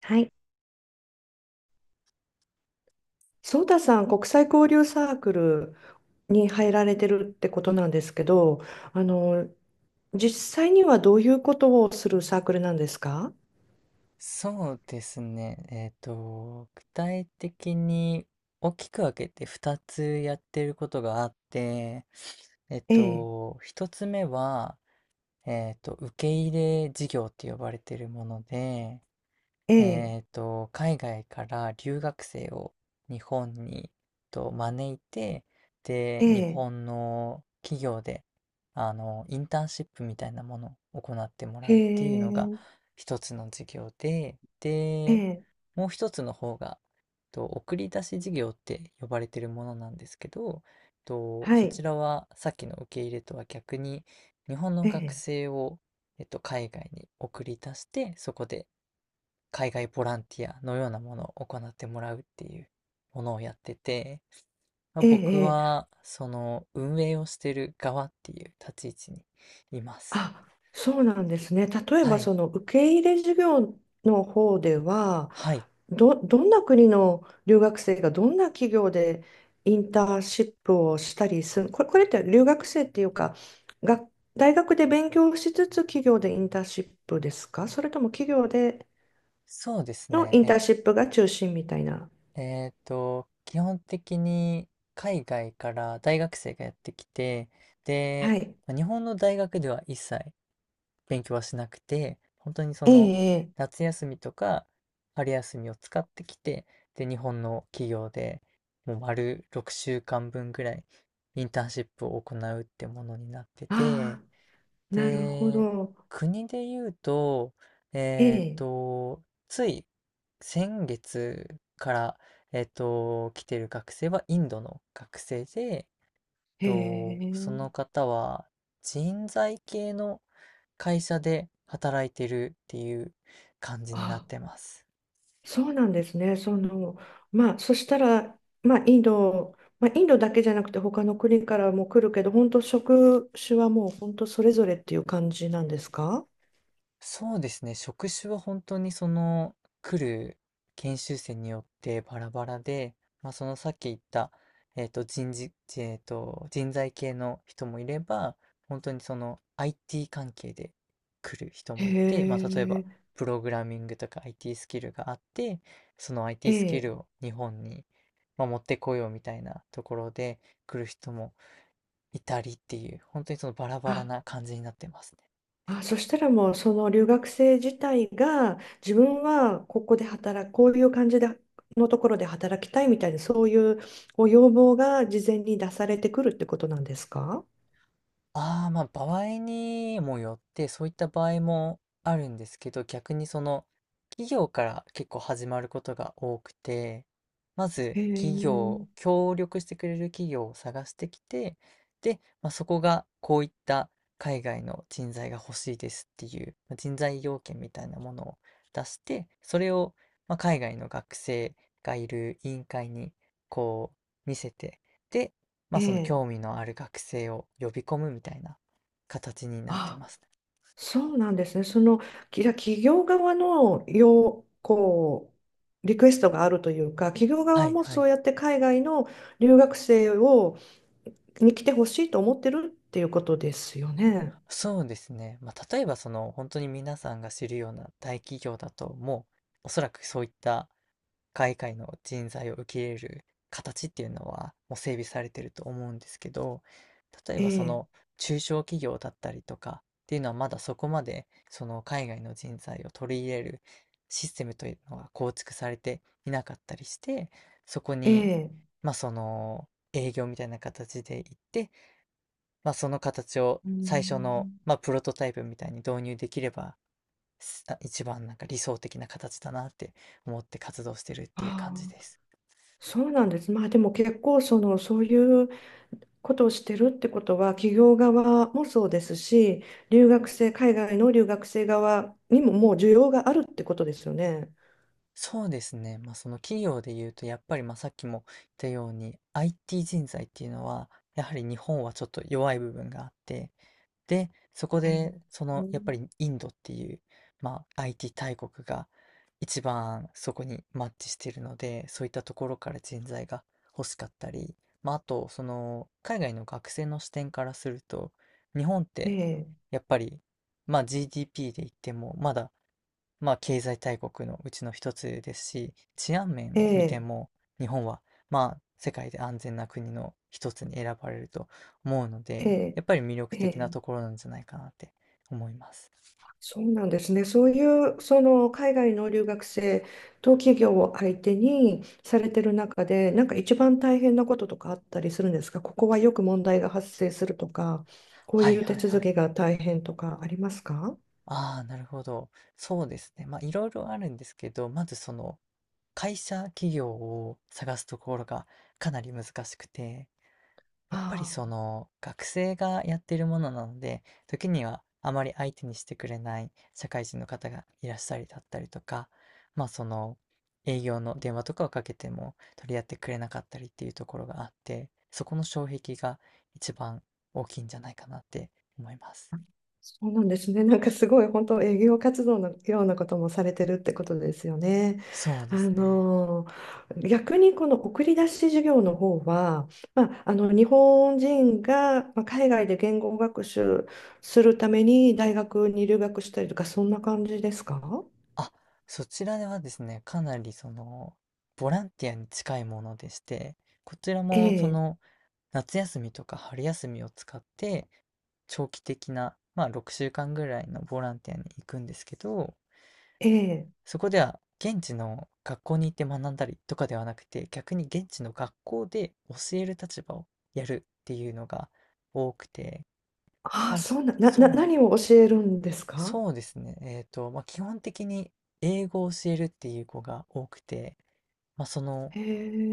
はい。ソータさん、国際交流サークルに入られてるってことなんですけど、あの、実際にはどういうことをするサークルなんですか？そうですね。具体的に大きく分けて2つやってることがあって、ええ。1つ目は、受け入れ事業って呼ばれてるもので、ええ。海外から留学生を日本に招いて、で、え日え。本の企業で、インターンシップみたいなものを行ってもらへうっていうのがえ。一つの事業で、えで、え。もう一つの方が、送り出し事業って呼ばれてるものなんですけど、はそちい。らはさっきの受け入れとは逆に、日本のえ学え。生を、海外に送り出して、そこで海外ボランティアのようなものを行ってもらうっていうものをやってて、まあ、え僕え。えはえ。その運営をしてる側っていう立ち位置にいます。あ、そうなんですね。例えはば、い。その受け入れ事業の方では、はい。どんな国の留学生がどんな企業でインターンシップをしたりする、これって留学生っていうか、が、大学で勉強しつつ企業でインターンシップですか？それとも企業でそうですのインタね。ーンシップが中心みたいな。え、えーと、基本的に海外から大学生がやってきて、で、はい。まあ日本の大学では一切勉強はしなくて、本当にそえの、え。ええ。夏休みとか春休みを使ってきて、で、日本の企業で、もう丸6週間分ぐらいインターンシップを行うってものになってて、ああ、なるほで、ど。国で言うと、ええっえ。と、つい先月から、来てる学生はインドの学生で、へそえ。の方は人材系の会社で働いてるっていう感じになっあ、てます。そうなんですね。その、まあ、そしたら、まあ、インド、まあ、インドだけじゃなくて、他の国からも来るけど、本当職種はもう本当それぞれっていう感じなんですか？そうですね、職種は本当にその来る研修生によってバラバラで、まあ、そのさっき言った、えっと、人事、えっと、人材系の人もいれば、本当にその IT 関係で来る人へもいて、まあ、例えばえ。プログラミングとか IT スキルがあって、その え IT スキえ。ルを日本に、まあ、持ってこようみたいなところで来る人もいたりっていう、本当にそのバラバラあ、な感じになってます。あ、そしたらもう、その留学生自体が、自分はここで働く、こういう感じで、のところで働きたいみたいな、そういうご要望が事前に出されてくるってことなんですか？ああ、ま、場合にもよって、そういった場合もあるんですけど、逆にその、企業から結構始まることが多くて、まずへえ。協力してくれる企業を探してきて、で、まあ、そこがこういった海外の人材が欲しいですっていう、ま、人材要件みたいなものを出して、それを、ま、海外の学生がいる委員会にこ見せて、で、まあ、えその興え。味のある学生を呼び込むみたいな形になってあ、ますね。そうなんですね。じゃあ企業側の要、こう、リクエストがあるというか、企業は側いもはそい。うやって海外の留学生に来てほしいと思ってるっていうことですよね。そうですね。まあ、例えばその、本当に皆さんが知るような大企業だと、もうおそらくそういった海外の人材を受け入れる形っていうのはもう整備されてると思うんですけど、例ええばそえ。の中小企業だったりとかっていうのはまだそこまでその海外の人材を取り入れるシステムというのが構築されていなかったりして、そこえにえ。まあその営業みたいな形で行って、まあその形をうー最初のん。まあプロトタイプみたいに導入できればあ一番なんか理想的な形だなって思って活動してるっていうあ感じであ、す。そうなんです。まあでも結構、そういうことをしてるってことは、企業側もそうですし、留学生、海外の留学生側にももう需要があるってことですよね。そうですね。まあ、その企業で言うと、やっぱりまあさっきも言ったように、IT 人材っていうのは、やはり日本はちょっと弱い部分があって、で、そこえで、そえの、やっぱりインドっていう、まあ、IT 大国が一番そこにマッチしているので、そういったところから人材が欲しかったり、まあ、あと、その、海外の学生の視点からすると、日本っえて、え。やっぱり、まあ、GDP で言っても、まだまあ、経済大国のうちの一つですし、治安面えを見てえ。も、日本は、まあ、世界で安全な国の一つに選ばれると思うので、えやっぱり魅力え。え的なえ。ところなんじゃないかなって思います。そうなんですね。そういう、その海外の留学生と企業を相手にされてる中で、なんか一番大変なこととかあったりするんですか？ここはよく問題が発生するとか、こうはいいう手はい続はい。きが大変とかありますか？ああ、なるほど。そうですね。まあ、いろいろあるんですけど、まずその、企業を探すところがかなり難しくて、やっぱりあそあ。の学生がやっているものなので、時にはあまり相手にしてくれない社会人の方がいらっしゃりだったりとか、まあその営業の電話とかをかけても取り合ってくれなかったりっていうところがあって、そこの障壁が一番大きいんじゃないかなって思います。そうなんですね。なんかすごい本当営業活動のようなこともされてるってことですよね。そうであすね。の逆にこの送り出し事業の方は、まあ、日本人がまあ海外で言語学習するために大学に留学したりとかそんな感じですか？あ、そちらではですね、かなりその、ボランティアに近いものでして、こちらえもそえ。の、夏休みとか春休みを使って、長期的な、まあ6週間ぐらいのボランティアに行くんですけど、ええ。そこでは現地の学校に行って学んだりとかではなくて、逆に現地の学校で教える立場をやるっていうのが多くて、ああ、まあ、そうな、な、な、何を教えるんですか？そうですね。まあ、基本的に英語を教えるっていう子が多くて、まあ、その、へ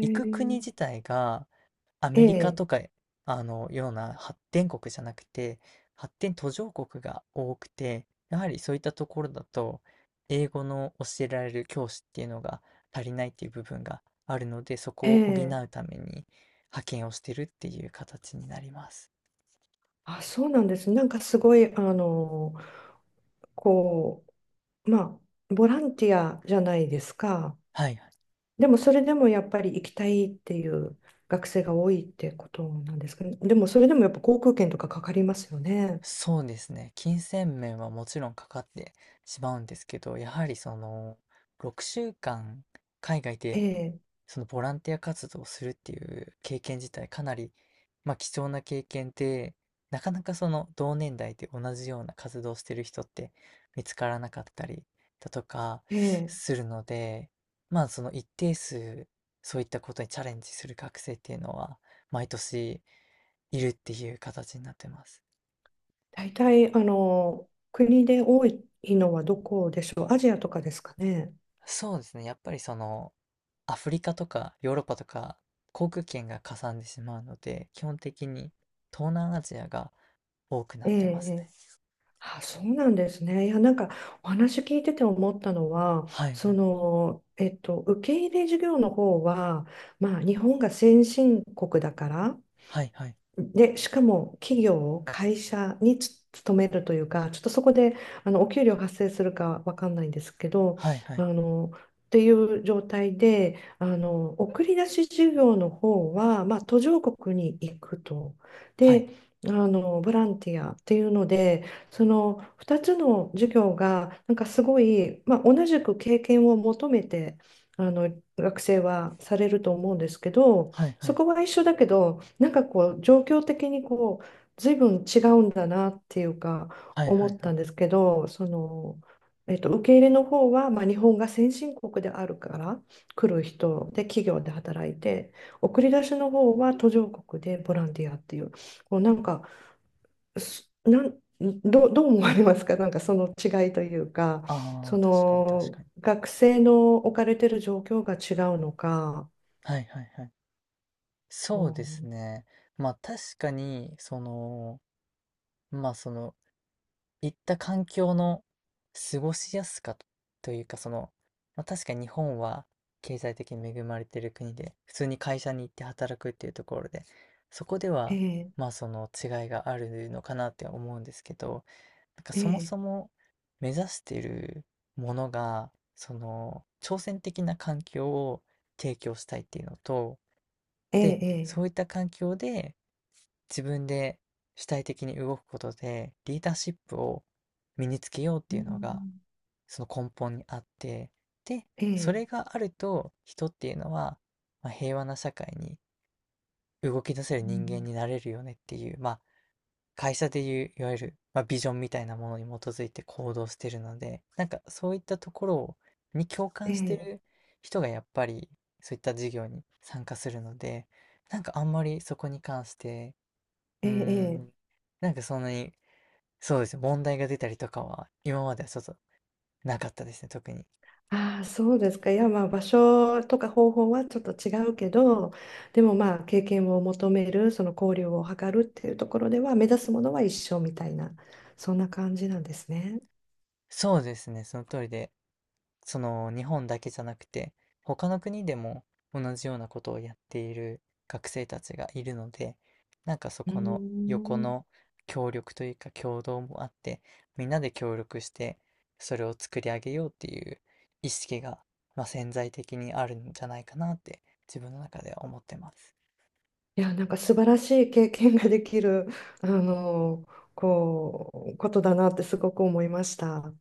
行く国自体がアえメリカえ。とか、あの、ような発展国じゃなくて、発展途上国が多くて、やはりそういったところだと、英語の教えられる教師っていうのが足りないっていう部分があるので、そえこを補え。うために派遣をしてるっていう形になります。あ、そうなんです。なんかすごい、こまあ、ボランティアじゃないですか。はい。でも、それでもやっぱり行きたいっていう学生が多いってことなんですかね。でも、それでもやっぱ航空券とかかかりますよね。そうですね。金銭面はもちろんかかってしまうんですけど、やはりその6週間海外えでえ。そのボランティア活動をするっていう経験自体かなり、まあ、貴重な経験で、なかなかその同年代で同じような活動をしてる人って見つからなかったりだとかええ。するので、まあその一定数そういったことにチャレンジする学生っていうのは毎年いるっていう形になってます。大体、国で多いのはどこでしょう。アジアとかですかね。そうですね。やっぱりその、アフリカとかヨーロッパとか航空券がかさんでしまうので、基本的に東南アジアが多くなえっえ、てますね。えあ、そうなんですね。いや、なんかお話聞いてて思ったのは、はいはい。受け入れ事業の方は、まあ、日本が先進国だから、はいはい。で、しかも会社に勤めるというか、ちょっとそこでお給料発生するかわかんないんですけど、はいはあい。のっていう状態で、あの送り出し事業の方は、まあ、途上国に行くと。はい。で、あのボランティアっていうので、その2つの事業がなんかすごい、まあ、同じく経験を求めてあの学生はされると思うんですけど、はいはそい。こは一緒だけど、なんか、状況的に随分違うんだなっていうか、はい思はいっはたい。んですけど、受け入れの方は、まあ、日本が先進国であるから来る人で企業で働いて送り出しの方は途上国でボランティアっていうなんかすなんどう、どう思われますか？なんかその違いというか、あそあ、確かに確のかに。学生の置かれてる状況が違うのかはいはいはい。こそうでうすね。まあ確かに、その、まあその行った環境の過ごしやすかというか、その、まあ、確かに日本は経済的に恵まれてる国で、普通に会社に行って働くっていうところで、そこでは、えまえあその違いがあるのかなって思うんですけど、なんかそもえそえも目指しているものが、その挑戦的な環境を提供したいっていうのと、ええ。で、ええ。そういった環境で自分で主体的に動くことでリーダーシップを身につけようっうていうのがん。その根本にあって、でえそえ。れがあると人っていうのは、まあ、平和な社会に動き出せるう人間ん。になれるよねっていう、まあ会社でいういわゆる、まあ、ビジョンみたいなものに基づいて行動してるので、なんかそういったところに共え感してえ。る人がやっぱりそういった事業に参加するので、なんかあんまりそこに関してうえーえ。ええ。ん。なんかそんなに、そうですね、問題が出たりとかは、今まではちょっとなかったですね、特に。ああ、そうですか。いや、まあ、場所とか方法はちょっと違うけど、でもまあ、経験を求める、その交流を図るっていうところでは、目指すものは一緒みたいな、そんな感じなんですね。そうですね、その通りで、その日本だけじゃなくて、他の国でも同じようなことをやっている学生たちがいるので、なんかそうーこの横のん。協力というか協働もあって、みんなで協力して、それを作り上げようっていう意識が、まあ、潜在的にあるんじゃないかなって、自分の中では思ってます。いや、なんか素晴らしい経験ができる、あの、ことだなってすごく思いました。